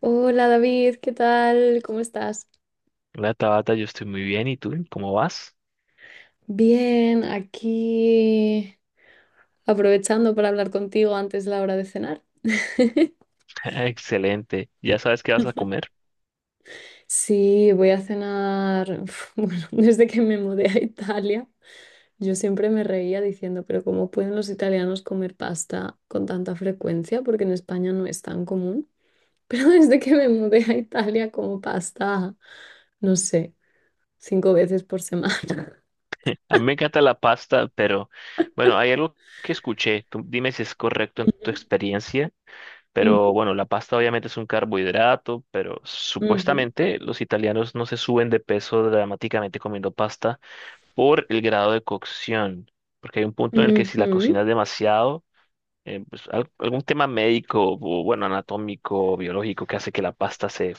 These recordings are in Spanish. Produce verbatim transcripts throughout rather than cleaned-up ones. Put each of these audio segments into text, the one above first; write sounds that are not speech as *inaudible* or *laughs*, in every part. Hola David, ¿qué tal? ¿Cómo estás? Hola Tabata, yo estoy muy bien. ¿Y tú? ¿Cómo vas? Bien, aquí aprovechando para hablar contigo antes de la hora de cenar. *laughs* *laughs* Excelente. ¿Ya sabes qué vas a comer? Sí, voy a cenar. Uf, bueno, *laughs* desde que me mudé a Italia, yo siempre me reía diciendo, pero ¿cómo pueden los italianos comer pasta con tanta frecuencia? Porque en España no es tan común. Pero *laughs* desde que me mudé a Italia como pasta, no sé, cinco veces por semana. A mí me encanta la pasta, pero bueno, hay algo que escuché. Tú dime si es correcto en *laughs* tu experiencia. Ujú, Pero bueno, la pasta obviamente es un carbohidrato, pero ujú, supuestamente los italianos no se suben de peso dramáticamente comiendo pasta por el grado de cocción. Porque hay un punto en el que ujú, si la cocinas ujú. demasiado, eh, pues, al- algún tema médico o bueno, anatómico, biológico que hace que la pasta se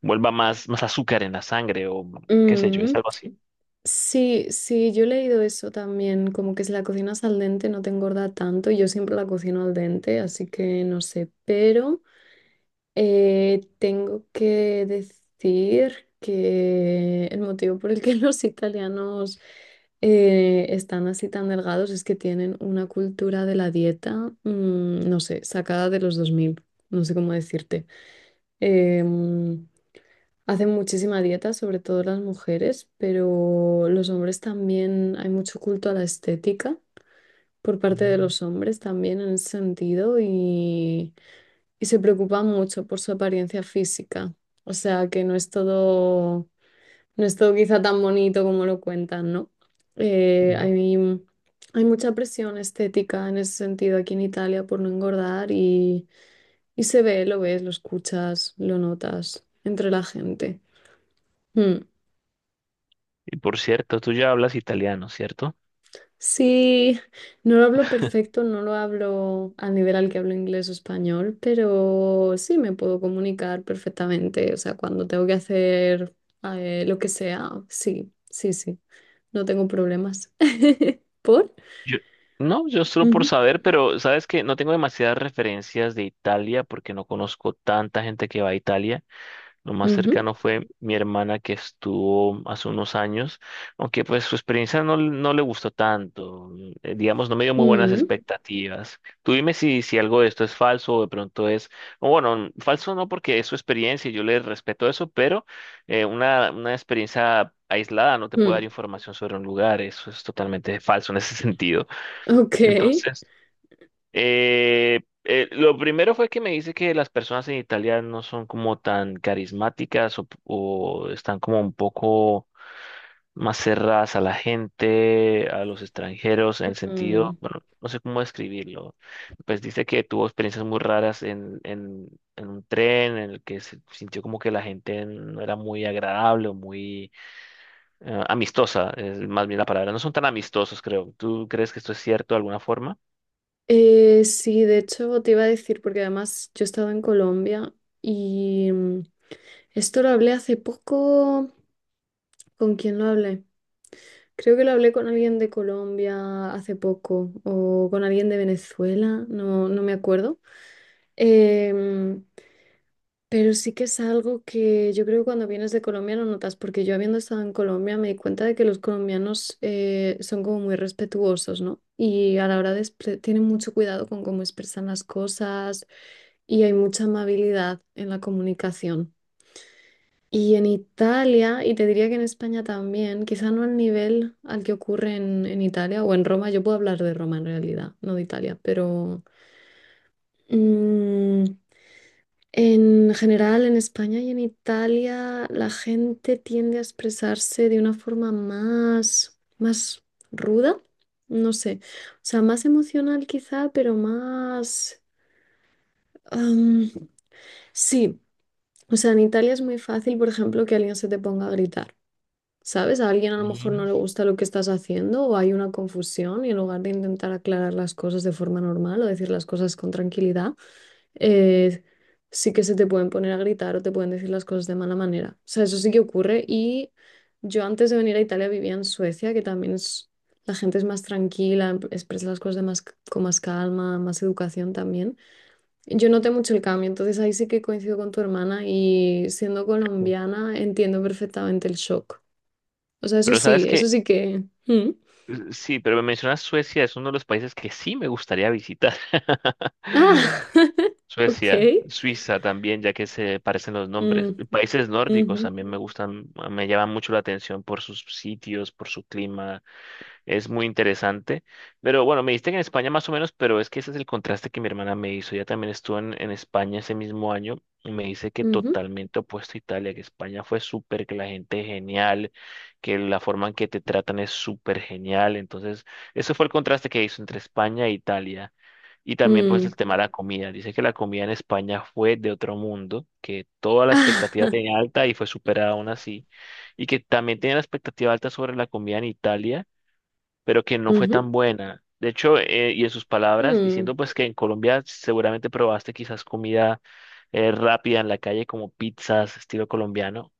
vuelva más, más azúcar en la sangre o qué sé yo, es Mm, algo así. sí, sí, yo he leído eso también, como que si la cocinas al dente no te engorda tanto, y yo siempre la cocino al dente, así que no sé, pero eh, tengo que decir que el motivo por el que *laughs* los italianos eh, están así tan delgados es que tienen una cultura de la dieta, mm, no sé, sacada de los dos mil, no sé cómo decirte. em, Hacen muchísima dieta, sobre todo las mujeres, pero los hombres también, hay mucho culto a la estética por parte de Mm. los hombres también en ese sentido y, y se preocupan mucho por su apariencia física. O sea que no es todo, no es todo quizá tan bonito como lo cuentan, ¿no? Eh, Ujú. hay, hay mucha presión estética en ese sentido aquí en Italia por no engordar y, y se ve, lo ves, lo escuchas, lo notas entre la gente. Mm. Y por cierto, tú ya hablas italiano, ¿cierto? Sí, no lo hablo perfecto, no lo hablo al nivel al que hablo inglés o español, pero sí me puedo comunicar perfectamente. O sea, cuando tengo que hacer eh, lo que sea, sí, sí, sí, no tengo problemas. *laughs* ¿Por? Yo, no, yo solo por Ujú, saber, pero sabes que no tengo demasiadas referencias de Italia porque no conozco tanta gente que va a Italia. Lo más ujú, cercano fue mi hermana que estuvo hace unos años, aunque pues su experiencia no, no le gustó tanto, mm, eh, digamos, no me dio muy buenas mm, expectativas. Tú dime si, si algo de esto es falso o de pronto es, o bueno, falso no porque es su experiencia y yo le respeto eso, pero eh, una, una experiencia aislada no te puede dar mm. información sobre un lugar, eso es totalmente falso en ese *laughs* sentido. Ok. Entonces... Eh, eh, lo primero fue que me dice que las personas en Italia no son como tan carismáticas o, o están como un poco más cerradas a la gente, a los extranjeros, en el sentido, Mm. bueno, no sé cómo describirlo. Pues dice que tuvo experiencias muy raras en, en, en un tren en el que se sintió como que la gente no era muy agradable o muy eh, amistosa, es más bien la palabra. No son tan amistosos, creo. ¿Tú crees que esto es cierto de alguna forma? Eh, sí, de hecho te iba a decir, porque además yo he estado en Colombia y mm, esto lo hablé hace poco. ¿Con quién lo hablé? Creo que lo hablé con alguien de Colombia hace poco o con alguien de Venezuela, no, no me acuerdo. Em, pero sí que es algo que yo creo que cuando vienes de Colombia no notas, porque yo habiendo estado en Colombia me di cuenta de que los colombianos eh, son como muy respetuosos, ¿no? Y a la hora de expre- tienen mucho cuidado con cómo expresan las cosas y hay mucha amabilidad en la comunicación. Y en Italia, y te diría que en España también, quizá no al nivel al que ocurre en, en Italia o en Roma, yo puedo hablar de Roma en realidad, no de Italia, pero mm, en general en España y en Italia la gente tiende a expresarse de una forma más, más ruda, no sé, o sea, más emocional quizá, pero más. am, sí, o sea, en Italia es muy fácil, por ejemplo, que alguien se te ponga a gritar. ¿Sabes? A alguien a lo mejor no Mm. le gusta lo que estás haciendo o hay una confusión y en lugar de intentar aclarar las cosas de forma normal o decir las cosas con tranquilidad, eh, sí que se te pueden poner a gritar o te pueden decir las cosas de mala manera. O sea, eso sí que ocurre y yo antes de venir a Italia vivía en Suecia, que también es, la gente es más tranquila, em- expresa las cosas de más, c- con más calma, más educación también. Yo noté mucho el cambio, entonces ahí sí que coincido con tu hermana y siendo *laughs* colombiana entiendo perfectamente el shock. O sea, eso Pero sí, sabes eso que sí que. Mm. Eh, sí, pero me mencionas Suecia, es uno de los países que sí me gustaría visitar. Ah, *laughs* *laughs* ok. Suecia, Suiza también, ya que se parecen los nombres. Mm, Y países nórdicos ujú, también me gustan, me llaman mucho la atención por sus sitios, por su clima, es muy interesante. Pero bueno, me diste que en España más o menos, pero es que ese es el contraste que mi hermana me hizo. Ella también estuvo en, en España ese mismo año y me dice que ujú, totalmente opuesto a Italia, que España fue súper, que la gente es genial, que la forma en que te tratan es súper genial. Entonces, eso fue el contraste que hizo entre España e Italia. Y también pues el mm. tema de la comida. Dice que la comida en España fue de otro mundo, que toda la Ah, expectativa *laughs* tenía alta y fue superada aún así. Y que también tenía la expectativa alta sobre la comida en Italia pero que no fue ujú, tan buena. De hecho, eh, y en sus palabras, mm, diciendo pues que en Colombia seguramente probaste quizás comida eh, rápida en la calle como pizzas estilo colombiano.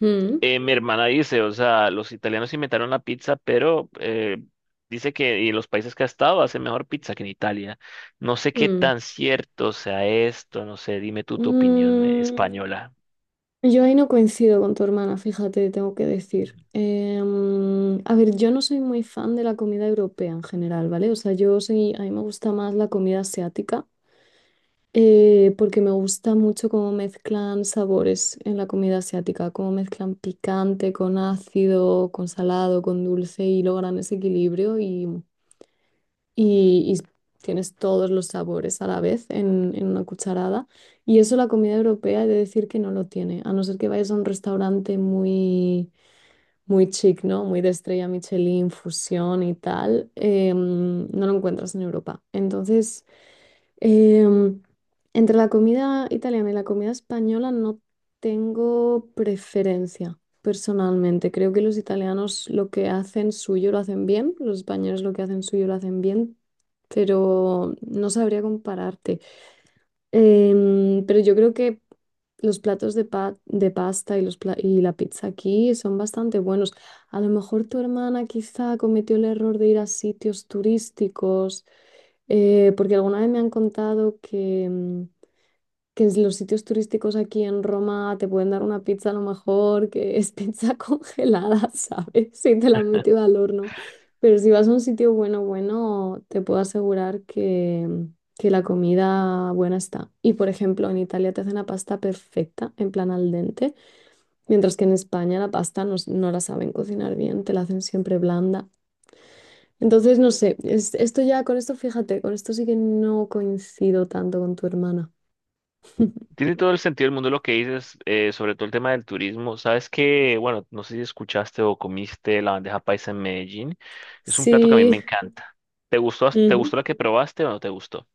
mm, Eh, mi hermana dice, o sea, los italianos inventaron la pizza, pero eh, dice que y en los países que ha estado hace mejor pizza que en Italia. No sé qué mm. tan cierto sea esto, no sé, dime tú tu opinión eh, Mm, española. Yo ahí no coincido con tu hermana, fíjate, tengo que decir. Em, a ver, yo no soy muy fan de la comida europea en general, ¿vale? O sea, yo soy, a mí me gusta más la comida asiática. Eh, porque me gusta mucho cómo mezclan sabores en la comida asiática, cómo mezclan picante con ácido, con salado, con dulce y logran ese equilibrio y, y- y tienes todos los sabores a la vez en, en una cucharada. Y eso la comida europea he de decir que no lo tiene, a no ser que vayas a un restaurante muy, muy chic, ¿no? Muy de estrella Michelin, fusión y tal, em, no lo encuentras en Europa. Entonces... Em, Entre la comida italiana y la comida española no tengo preferencia personalmente. Creo que los italianos lo que hacen suyo lo hacen bien, los españoles lo que hacen suyo lo hacen bien, pero no sabría compararte. Em, pero yo creo que los platos de, pa- de pasta y, los pla- y la pizza aquí son bastante buenos. A lo mejor tu hermana quizá cometió el error de ir a sitios turísticos, eh, porque alguna vez me han contado que mm, que es los sitios turísticos aquí en Roma te pueden dar una pizza a lo mejor que es *laughs* pizza congelada, ¿sabes? Si te la han metido al horno. Pero si vas a un sitio bueno, bueno, te puedo asegurar que, que la comida buena está. Y por ejemplo, en Italia te hacen la pasta perfecta, en plan al dente, mientras que en España la pasta no, s- no la saben cocinar bien, te la hacen siempre blanda. Entonces, no sé, es- esto ya, con esto fíjate, con esto sí que no coincido tanto con tu hermana. Tiene todo el sentido del mundo lo que dices, eh, sobre todo el tema del turismo. Sabes que, bueno, no sé si escuchaste o comiste la bandeja paisa en Medellín. Es un plato que a mí me Sí. encanta. ¿Te gustó, te Ujú. gustó la que probaste o no te gustó?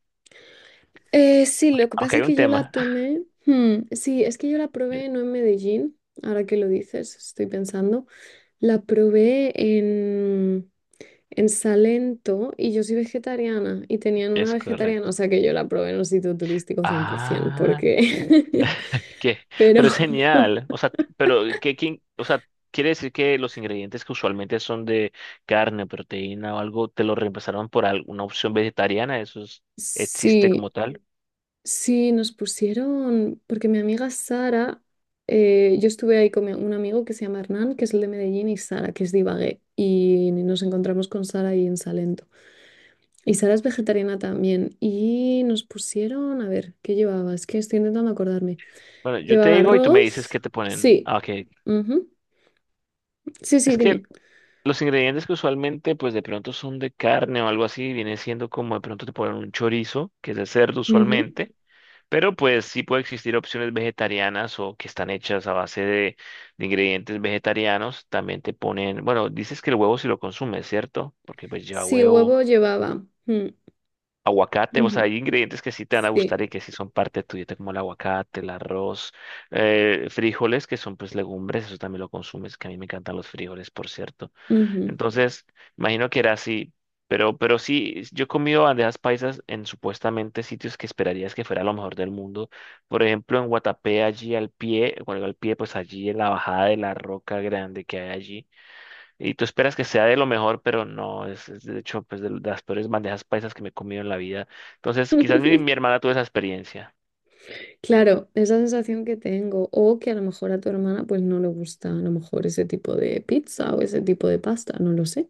Eh, sí, lo que Aunque pasa hay es un que yo la tema. tomé. Hmm, sí, es que yo la probé no *laughs* en Medellín, ahora que lo dices, estoy pensando. La probé en, en Salento y yo soy vegetariana y tenían una Es vegetariana, o correcto. sea que yo la probé en un sitio turístico cien por ciento, Ah, porque. ¿qué? *laughs* Pero Pero es genial. *laughs* O sea, t- pero ¿qué, quién- o sea, quiere decir que los ingredientes que usualmente son de carne, proteína o algo, te lo reemplazaron por alguna opción vegetariana. ¿Eso es- existe sí. como tal? Sí, nos pusieron, porque mi amiga Sara, eh, yo estuve ahí con mi- un amigo que se llama Hernán, que es el de Medellín, y Sara, que es de Ibagué, y nos encontramos con Sara ahí en Salento. Y Sara es vegetariana también, y nos pusieron, a ver, ¿qué llevaba? Es que estoy intentando acordarme. Bueno, yo te ¿Llevaba digo y tú me dices arroz? qué te ponen. Sí. Ah, ok. Ujú. Sí, sí, Es que dime. los ingredientes que usualmente, pues de pronto son de carne o algo así, viene siendo como de pronto te ponen un chorizo, que es de cerdo Ujú. usualmente, pero pues sí puede existir opciones vegetarianas o que están hechas a base de, de ingredientes vegetarianos. También te ponen, bueno, dices que el huevo si lo consumes, ¿cierto? Porque pues lleva Sí, huevo. huevo llevaba. Mm, Aguacate, o sea, ujú. hay ingredientes que sí te van a Sí. gustar y que sí son parte de tu dieta, como el aguacate, el arroz, eh, frijoles, que son pues legumbres, eso también lo consumes, que a mí me encantan los frijoles, por cierto. Ujú. Entonces, imagino que era así, pero, pero sí, yo he comido bandejas paisas en supuestamente sitios que esperarías que fuera lo mejor del mundo. Por ejemplo, en Guatapé, allí al pie, bueno, al pie, pues allí en la bajada de la roca grande que hay allí. Y tú esperas que sea de lo mejor, pero no, es, es de hecho pues de las peores bandejas paisas que me he comido en la vida. Entonces, quizás mi, *laughs* mi hermana tuvo esa experiencia. Claro, esa sensación que tengo, o que a lo mejor a tu hermana pues no le gusta a lo mejor ese tipo de pizza o ese tipo de pasta, no lo sé.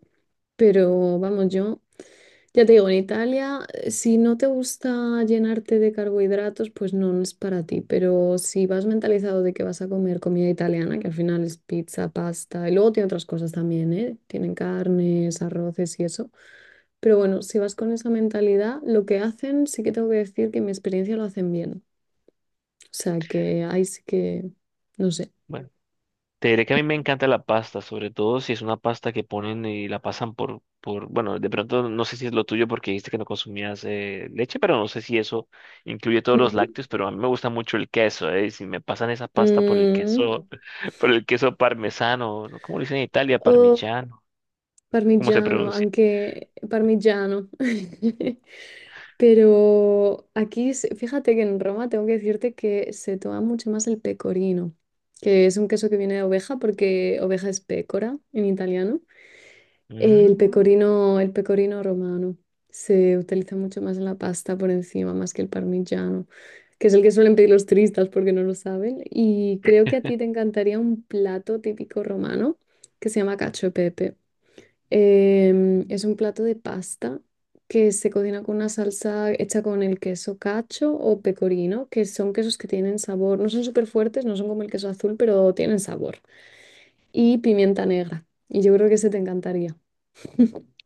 Pero vamos, yo ya te digo, en Italia, eh, si no te gusta llenarte de carbohidratos, pues no no es para ti. Pero si vas mentalizado de que vas a comer comida italiana, que al final es pizza, pasta, y luego tiene otras cosas también, ¿eh? Tienen carnes, arroces y eso. Pero bueno, si vas con esa mentalidad, lo que hacen, sí que tengo que decir que en mi experiencia lo hacen bien. O sea que ahí sí que, no sé. Bueno, te diré que a mí me encanta la pasta, sobre todo si es una pasta que ponen y la pasan por, por, bueno, de pronto no sé si es lo tuyo porque dijiste que no consumías eh, leche, pero no sé si eso incluye todos los Ujú. lácteos, pero a mí me gusta mucho el queso, eh, y si me pasan esa pasta por el Mm. queso, *laughs* por el queso parmesano, ¿no? ¿Cómo lo dicen en Italia? O Parmigiano, ¿cómo se parmigiano, pronuncia? aunque parmigiano. *laughs* Pero aquí, se- fíjate que en Roma tengo que decirte que se toma mucho más el pecorino, que es un queso que viene de oveja porque oveja es pécora en italiano. El Mm. pecorino, el pecorino romano se utiliza mucho más en la pasta por encima, más que el parmigiano, que es el que suelen pedir los turistas porque no lo saben. Y creo que a ti te encantaría un plato típico romano que se llama cacio e pepe. Em, es un plato de pasta que se cocina con una salsa hecha con el queso cacho o pecorino, que son quesos que tienen sabor, no son súper fuertes, no son como el queso azul, pero tienen sabor. Y pimienta negra. Y yo creo que ese te encantaría.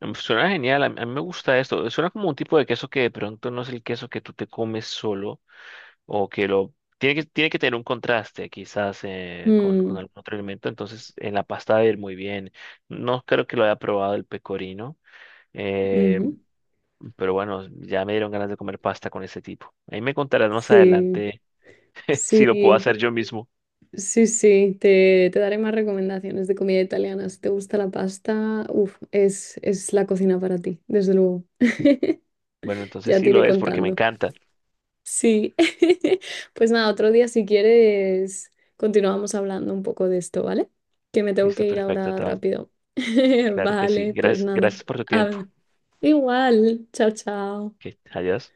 Mm, suena genial, a a mí me gusta esto. Suena como un tipo de queso que de pronto no es el queso que tú te comes solo o que lo... Tiene que, tiene que tener un contraste quizás eh, con, con Mm, algún otro elemento, entonces en la pasta va a ir muy bien. No creo que lo haya probado el pecorino, eh, ujú. pero bueno, ya me dieron ganas de comer pasta con ese tipo. Ahí me contarás más Sí, adelante *laughs* si lo puedo sí, hacer yo mismo. sí, sí. Te, te daré más recomendaciones de comida italiana. Si te gusta la pasta, uf, es, es la cocina para ti, desde luego. Bueno, entonces Ya te sí iré lo es porque me contando. encanta. Sí. *laughs* Pues nada, otro día si quieres continuamos hablando un poco de esto, ¿vale? Que me tengo Listo, que ir perfecto, ahora Tabata. rápido. *laughs* Claro que sí. Vale, pues Gracias, nada. gracias por tu tiempo. Habla. Igual. Chao, chao. Que adiós.